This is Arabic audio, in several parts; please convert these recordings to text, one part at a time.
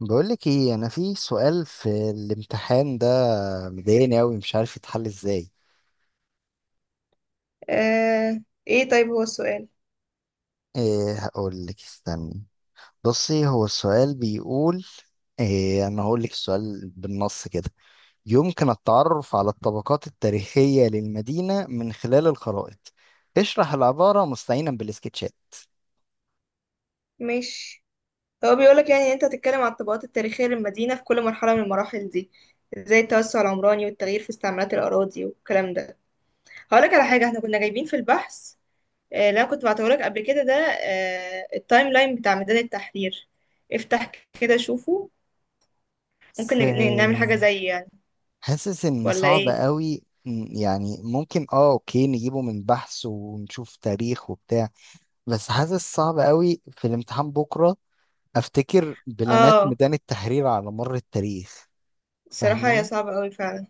بقولك ايه، انا في سؤال في الامتحان ده مضايقني اوي، مش عارف يتحل ازاي. آه، ايه طيب هو السؤال. إيه هقولك، استني. بصي، هو السؤال بيقول إيه. انا هقولك السؤال بالنص كده: يمكن التعرف على الطبقات التاريخية للمدينة من خلال الخرائط. اشرح العبارة مستعينا بالسكتشات. ماشي. هو بيقولك يعني إن انت هتتكلم عن الطبقات التاريخية للمدينة في كل مرحلة من المراحل دي، زي التوسع العمراني والتغيير في استعمالات الأراضي والكلام ده. هقولك على حاجة احنا كنا جايبين في البحث. اللي انا كنت بعتهولك قبل كده ده التايم لاين بتاع ميدان التحرير. افتح كده شوفه. ممكن بس نعمل حاجة زي يعني، حاسس ان ولا صعب ايه؟ اوي. يعني ممكن اه، اوكي، نجيبه من بحث ونشوف تاريخ وبتاع. بس حاسس صعب قوي في الامتحان بكرة. افتكر بلانات اه، ميدان التحرير على مر التاريخ. الصراحة هي فاهماني؟ صعبة قوي فعلا.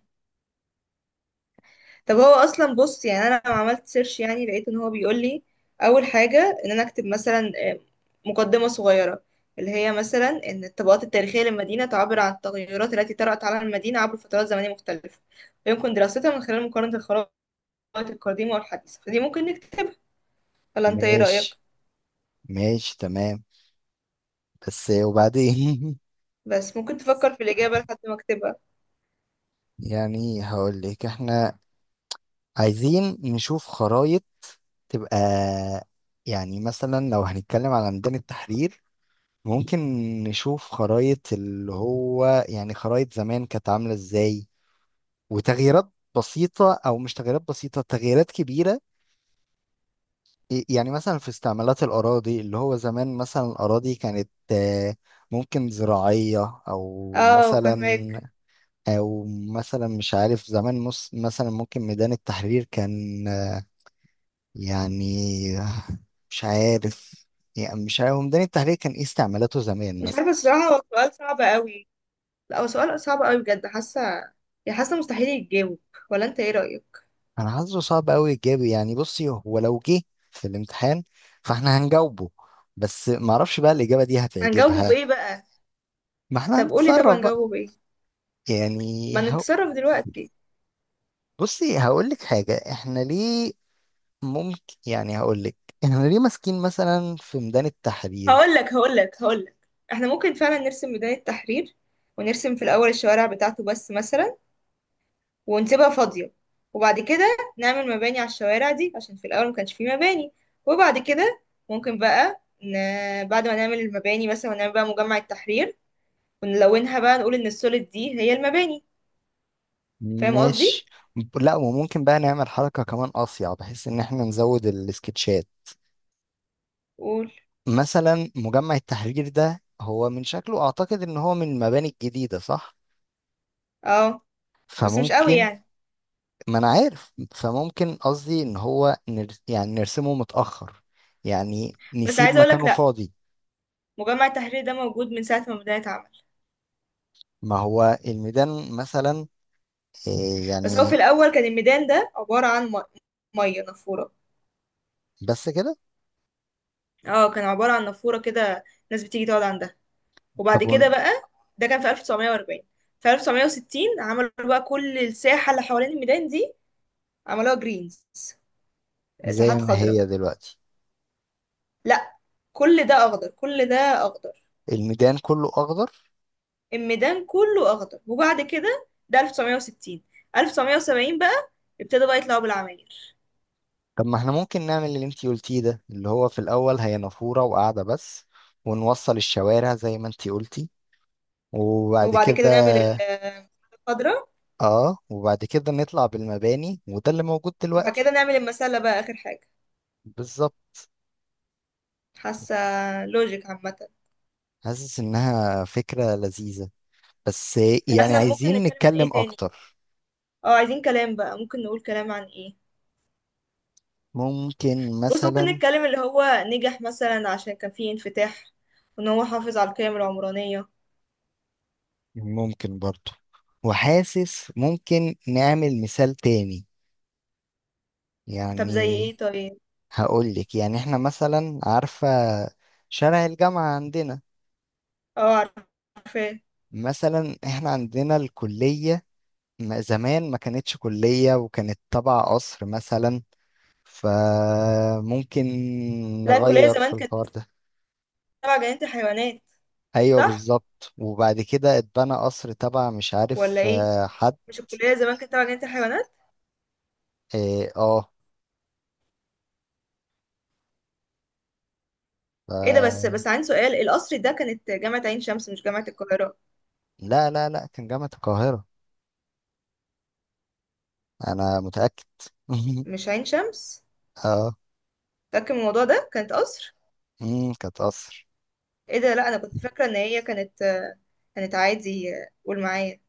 طب هو اصلا بص، يعني انا لما عملت سيرش يعني لقيت ان هو بيقول لي اول حاجه ان انا اكتب مثلا مقدمه صغيره، اللي هي مثلا ان الطبقات التاريخيه للمدينه تعبر عن التغيرات التي طرأت على المدينه عبر فترات زمنيه مختلفه، ويمكن دراستها من خلال مقارنه الخرائط القديمه والحديثه. فدي ممكن نكتبها، ولا انت ايه رأيك؟ ماشي. ماشي، تمام. بس وبعدين. بس ممكن تفكر في الاجابه لحد ما اكتبها. يعني هقول لك، احنا عايزين نشوف خرايط تبقى، يعني مثلا لو هنتكلم على ميدان التحرير، ممكن نشوف خرايط اللي هو، يعني خرايط زمان كانت عاملة ازاي، وتغييرات بسيطة، او مش تغييرات بسيطة، تغييرات كبيرة. يعني مثلا في استعمالات الأراضي، اللي هو زمان مثلا الأراضي كانت ممكن زراعية، أو اه فهماك. مثلا، أو مثلا مش عارف. زمان مثلا ممكن ميدان التحرير كان يعني، مش عارف. يعني مش عارف ميدان التحرير كان إيه استعمالاته زمان مش مثلا. عارفه الصراحه، هو سؤال صعب قوي. لا هو سؤال صعب قوي بجد، حاسه يعني، حاسه مستحيل يتجاوب. ولا انت ايه رأيك؟ أنا حاسه صعب أوي إجابي، يعني بصي هو لو جه في الامتحان فإحنا هنجاوبه، بس معرفش بقى الإجابة دي هنجاوبه هتعجبها. بايه بقى؟ ما إحنا طب قولي، طب هنتصرف بقى. هنجاوبه بايه؟ يعني ما نتصرف دلوقتي. بصي هقول لك حاجة، احنا ليه ممكن، يعني هقول لك، احنا ليه ماسكين مثلا في ميدان التحرير. هقول لك، احنا ممكن فعلا نرسم ميدان التحرير، ونرسم في الاول الشوارع بتاعته بس مثلا، ونسيبها فاضية. وبعد كده نعمل مباني على الشوارع دي عشان في الاول ما كانش فيه مباني. وبعد كده ممكن بقى بعد ما نعمل المباني مثلا، ونعمل بقى مجمع التحرير، ونلونها بقى نقول ان السوليد دي هي المباني. فاهم قصدي؟ ماشي. لا، وممكن بقى نعمل حركة كمان أصيع بحيث ان احنا نزود السكتشات. قول. مثلا مجمع التحرير ده هو من شكله اعتقد ان هو من المباني الجديدة، صح؟ اه بس مش قوي فممكن. يعني. ما انا عارف، فممكن قصدي ان هو يعني نرسمه متأخر، يعني بس نسيب عايزه اقولك مكانه لا، فاضي. مجمع التحرير ده موجود من ساعه ما بدات. ما هو الميدان مثلا، إيه بس هو يعني. في الأول كان الميدان ده عبارة عن مية نافورة. بس كده؟ اه كان عبارة عن نافورة كده، ناس بتيجي تقعد عندها. وبعد طب كده بقى، ده كان في 1940. في 1960 عملوا بقى كل الساحة اللي حوالين الميدان دي، عملوها جرينز، زي ساحات ما خضراء. هي دلوقتي. لا، كل ده أخضر، كل ده أخضر، الميدان كله اخضر؟ الميدان كله أخضر. وبعد كده ده 1960، 1970 بقى ابتدوا بقى يطلعوا بالعماير. طب ما احنا ممكن نعمل اللي انتي قلتيه ده، اللي هو في الاول هي نافورة وقاعدة بس، ونوصل الشوارع زي ما انتي قلتي، وبعد وبعد كده كده نعمل الخضرة. نطلع بالمباني، وده اللي موجود وبعد كده دلوقتي. نعمل المسلة بقى آخر حاجة. بالظبط. حاسة لوجيك عامة. حاسس انها فكرة لذيذة، بس طب يعني احنا بس ممكن عايزين نتكلم عن نتكلم ايه تاني؟ اكتر. اه عايزين كلام بقى، ممكن نقول كلام عن ايه؟ ممكن بص ممكن مثلا، نتكلم اللي هو نجح مثلا عشان كان فيه انفتاح، وان هو حافظ على القيم العمرانية. ممكن برضو، وحاسس ممكن نعمل مثال تاني. طب زي يعني ايه طيب؟ هقول لك، يعني احنا مثلا، عارفة شارع الجامعة عندنا؟ اه عارفاه. مثلا احنا عندنا الكلية. زمان ما كانتش كلية وكانت تبع قصر مثلا، فممكن لا الكلية نغير في زمان كانت الحوار ده. تبع جنينة الحيوانات، ايوه صح بالظبط، وبعد كده اتبنى قصر تبع مش عارف ولا ايه؟ حد. مش الكلية زمان كانت تبع جنينة الحيوانات؟ اه، آه. ايه ده، بس ف... بس عندي سؤال، القصر ده كانت جامعة عين شمس مش جامعة القاهرة؟ لا لا لا، كان جامعة القاهرة، انا متأكد. مش عين شمس؟ اه. متأكد من الموضوع ده، كانت قصر. مم، كانت قصر. ايه ده، لا انا كنت فاكره ان هي كانت، كانت عادي، قول معايا،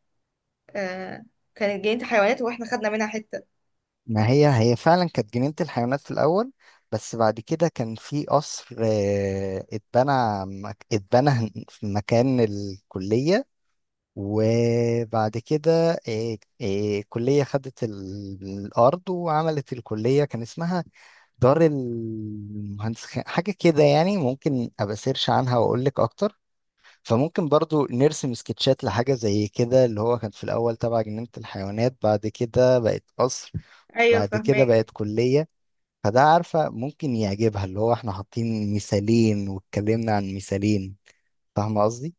آه، كانت جنينه حيوانات واحنا خدنا منها حته. ما هي هي فعلا كانت جنينة الحيوانات في الأول، بس بعد كده كان في قصر اتبنى، اتبنى في مكان الكلية. وبعد كده الكلية خدت الأرض وعملت الكلية. كان اسمها دار المهندس حاجة كده يعني، ممكن أبقى سيرش عنها وأقول لك أكتر. فممكن برضو نرسم سكتشات لحاجة زي كده، اللي هو كان في الأول تبع جنينة الحيوانات، بعد كده بقت قصر، ايوه بعد كده فاهماك. بقت كلية. فده عارفة ممكن يعجبها، اللي هو احنا حاطين مثالين واتكلمنا عن مثالين. فاهمة قصدي؟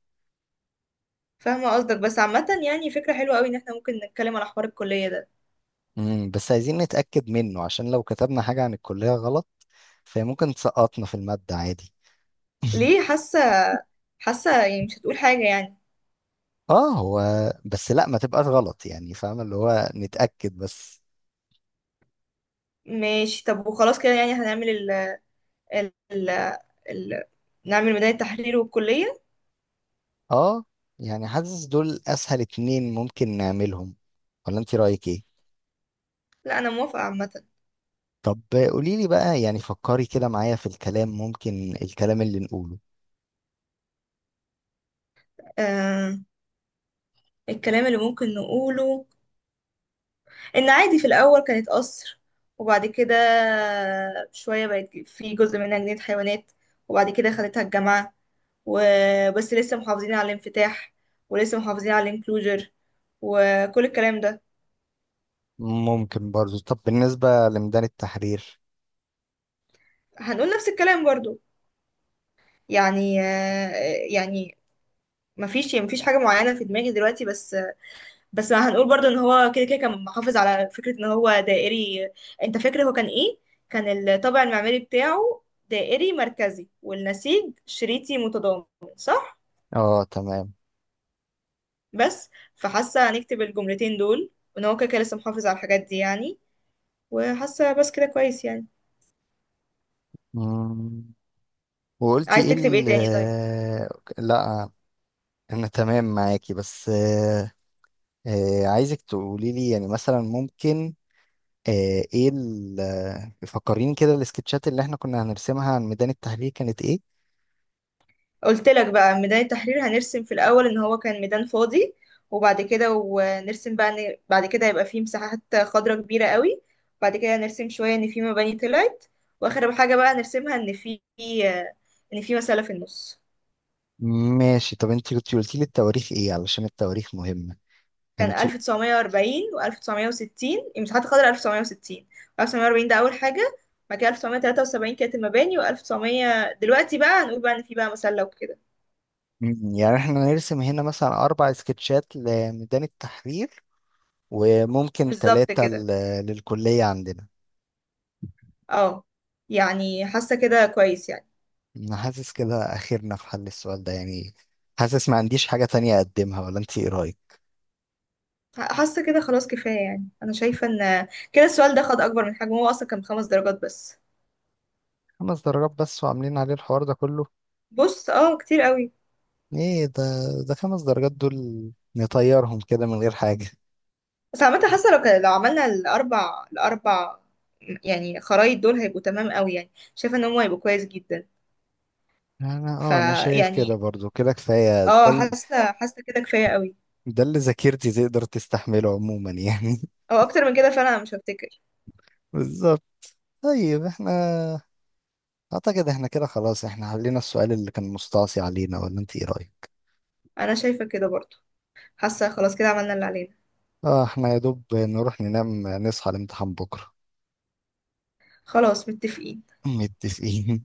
فاهمه قصدك، بس عامه يعني فكره حلوه قوي ان احنا ممكن نتكلم على حوار الكليه ده. امم، بس عايزين نتأكد منه، عشان لو كتبنا حاجة عن الكلية غلط فهي ممكن تسقطنا في المادة عادي. ليه حاسه؟ حاسه يعني مش هتقول حاجه يعني. اه هو، بس لا ما تبقاش غلط يعني، فاهمة اللي هو نتأكد بس. ماشي طب، وخلاص كده يعني هنعمل ال ال ال نعمل ميدان التحرير والكليه. اه. يعني حاسس دول أسهل اتنين ممكن نعملهم، ولا انت رأيك ايه؟ لا انا موافقه عامه. طب قوليلي بقى، يعني فكري كده معايا في الكلام، ممكن الكلام اللي نقوله. آه، الكلام اللي ممكن نقوله، ان عادي في الاول كانت قصر، وبعد كده شويه بقت في جزء منها جنينه حيوانات، وبعد كده خدتها الجامعه. وبس لسه محافظين على الانفتاح، ولسه محافظين على الانكلوجر، وكل الكلام ده. ممكن برضو. طب بالنسبة لميدان التحرير؟ هنقول نفس الكلام برضو، يعني يعني مفيش حاجه معينه في دماغي دلوقتي بس. بس هنقول برضو ان هو كده كده كان محافظ على فكرة ان هو دائري. انت فاكر هو كان ايه؟ كان الطابع المعماري بتاعه دائري مركزي والنسيج شريطي متضامن، صح؟ اه تمام. بس فحاسة هنكتب الجملتين دول، وان هو كده كده لسه محافظ على الحاجات دي يعني. وحاسة بس كده كويس يعني. مم. وقلتي عايز ايه تكتب ايه ال تاني طيب؟ آه، لا انا تمام معاكي، بس عايزك تقولي لي، يعني مثلا ممكن آه، ايه ال آه، فكريني كده، السكتشات اللي احنا كنا هنرسمها عن ميدان التحرير كانت ايه. قلت لك بقى، ميدان التحرير هنرسم في الأول إن هو كان ميدان فاضي، وبعد كده ونرسم بقى إن بعد كده يبقى فيه مساحات خضراء كبيرة قوي، بعد كده نرسم شوية إن فيه مباني طلعت، وآخر حاجة بقى نرسمها إن فيه مسألة في النص. ماشي. طب انت كنت قلتي لي التواريخ ايه، علشان التواريخ مهمة. كان كنت. 1940 و1960 مساحات خضراء، 1960 1940 ده أول حاجة، بعد كده 1973 كانت المباني، و1900 دلوقتي بقى هنقول بقى إن فيه بقى مسلة وكده. مم، يعني احنا نرسم هنا مثلا 4 سكتشات لميدان التحرير، وممكن بالظبط ثلاثة كده. للكلية عندنا. اه يعني حاسة كده كويس يعني. انا حاسس كده اخرنا في حل السؤال ده يعني. حاسس ما عنديش حاجة تانية اقدمها، ولا انت ايه رايك؟ حاسة كده خلاص كفاية يعني، أنا شايفة إن كده السؤال ده خد أكبر من حجمه، هو أصلا كان بـ 5 درجات بس. خمس درجات بس، وعاملين عليه الحوار ده كله! بص اه كتير قوي. ايه ده! ده 5 درجات دول، نطيرهم كده من غير حاجة. بس عامة حاسة لو لو عملنا الأربع يعني خرايط دول هيبقوا تمام قوي، يعني شايفة إن هم هيبقوا كويس جدا. انا اه، انا شايف كده فيعني برضو، كده كفاية ده اه، حاسة كده كفاية قوي، ده اللي ذاكرتي تقدر تستحمله عموما يعني. أو أكتر من كده فعلا أنا مش هفتكر. بالظبط. طيب احنا اعتقد احنا كده خلاص، احنا حلينا السؤال اللي كان مستعصي علينا، ولا انت ايه رايك؟ أنا شايفة كده برضو، حاسة خلاص كده عملنا اللي علينا. اه احنا يا دوب نروح ننام نصحى الامتحان بكرة. خلاص متفقين. متفقين.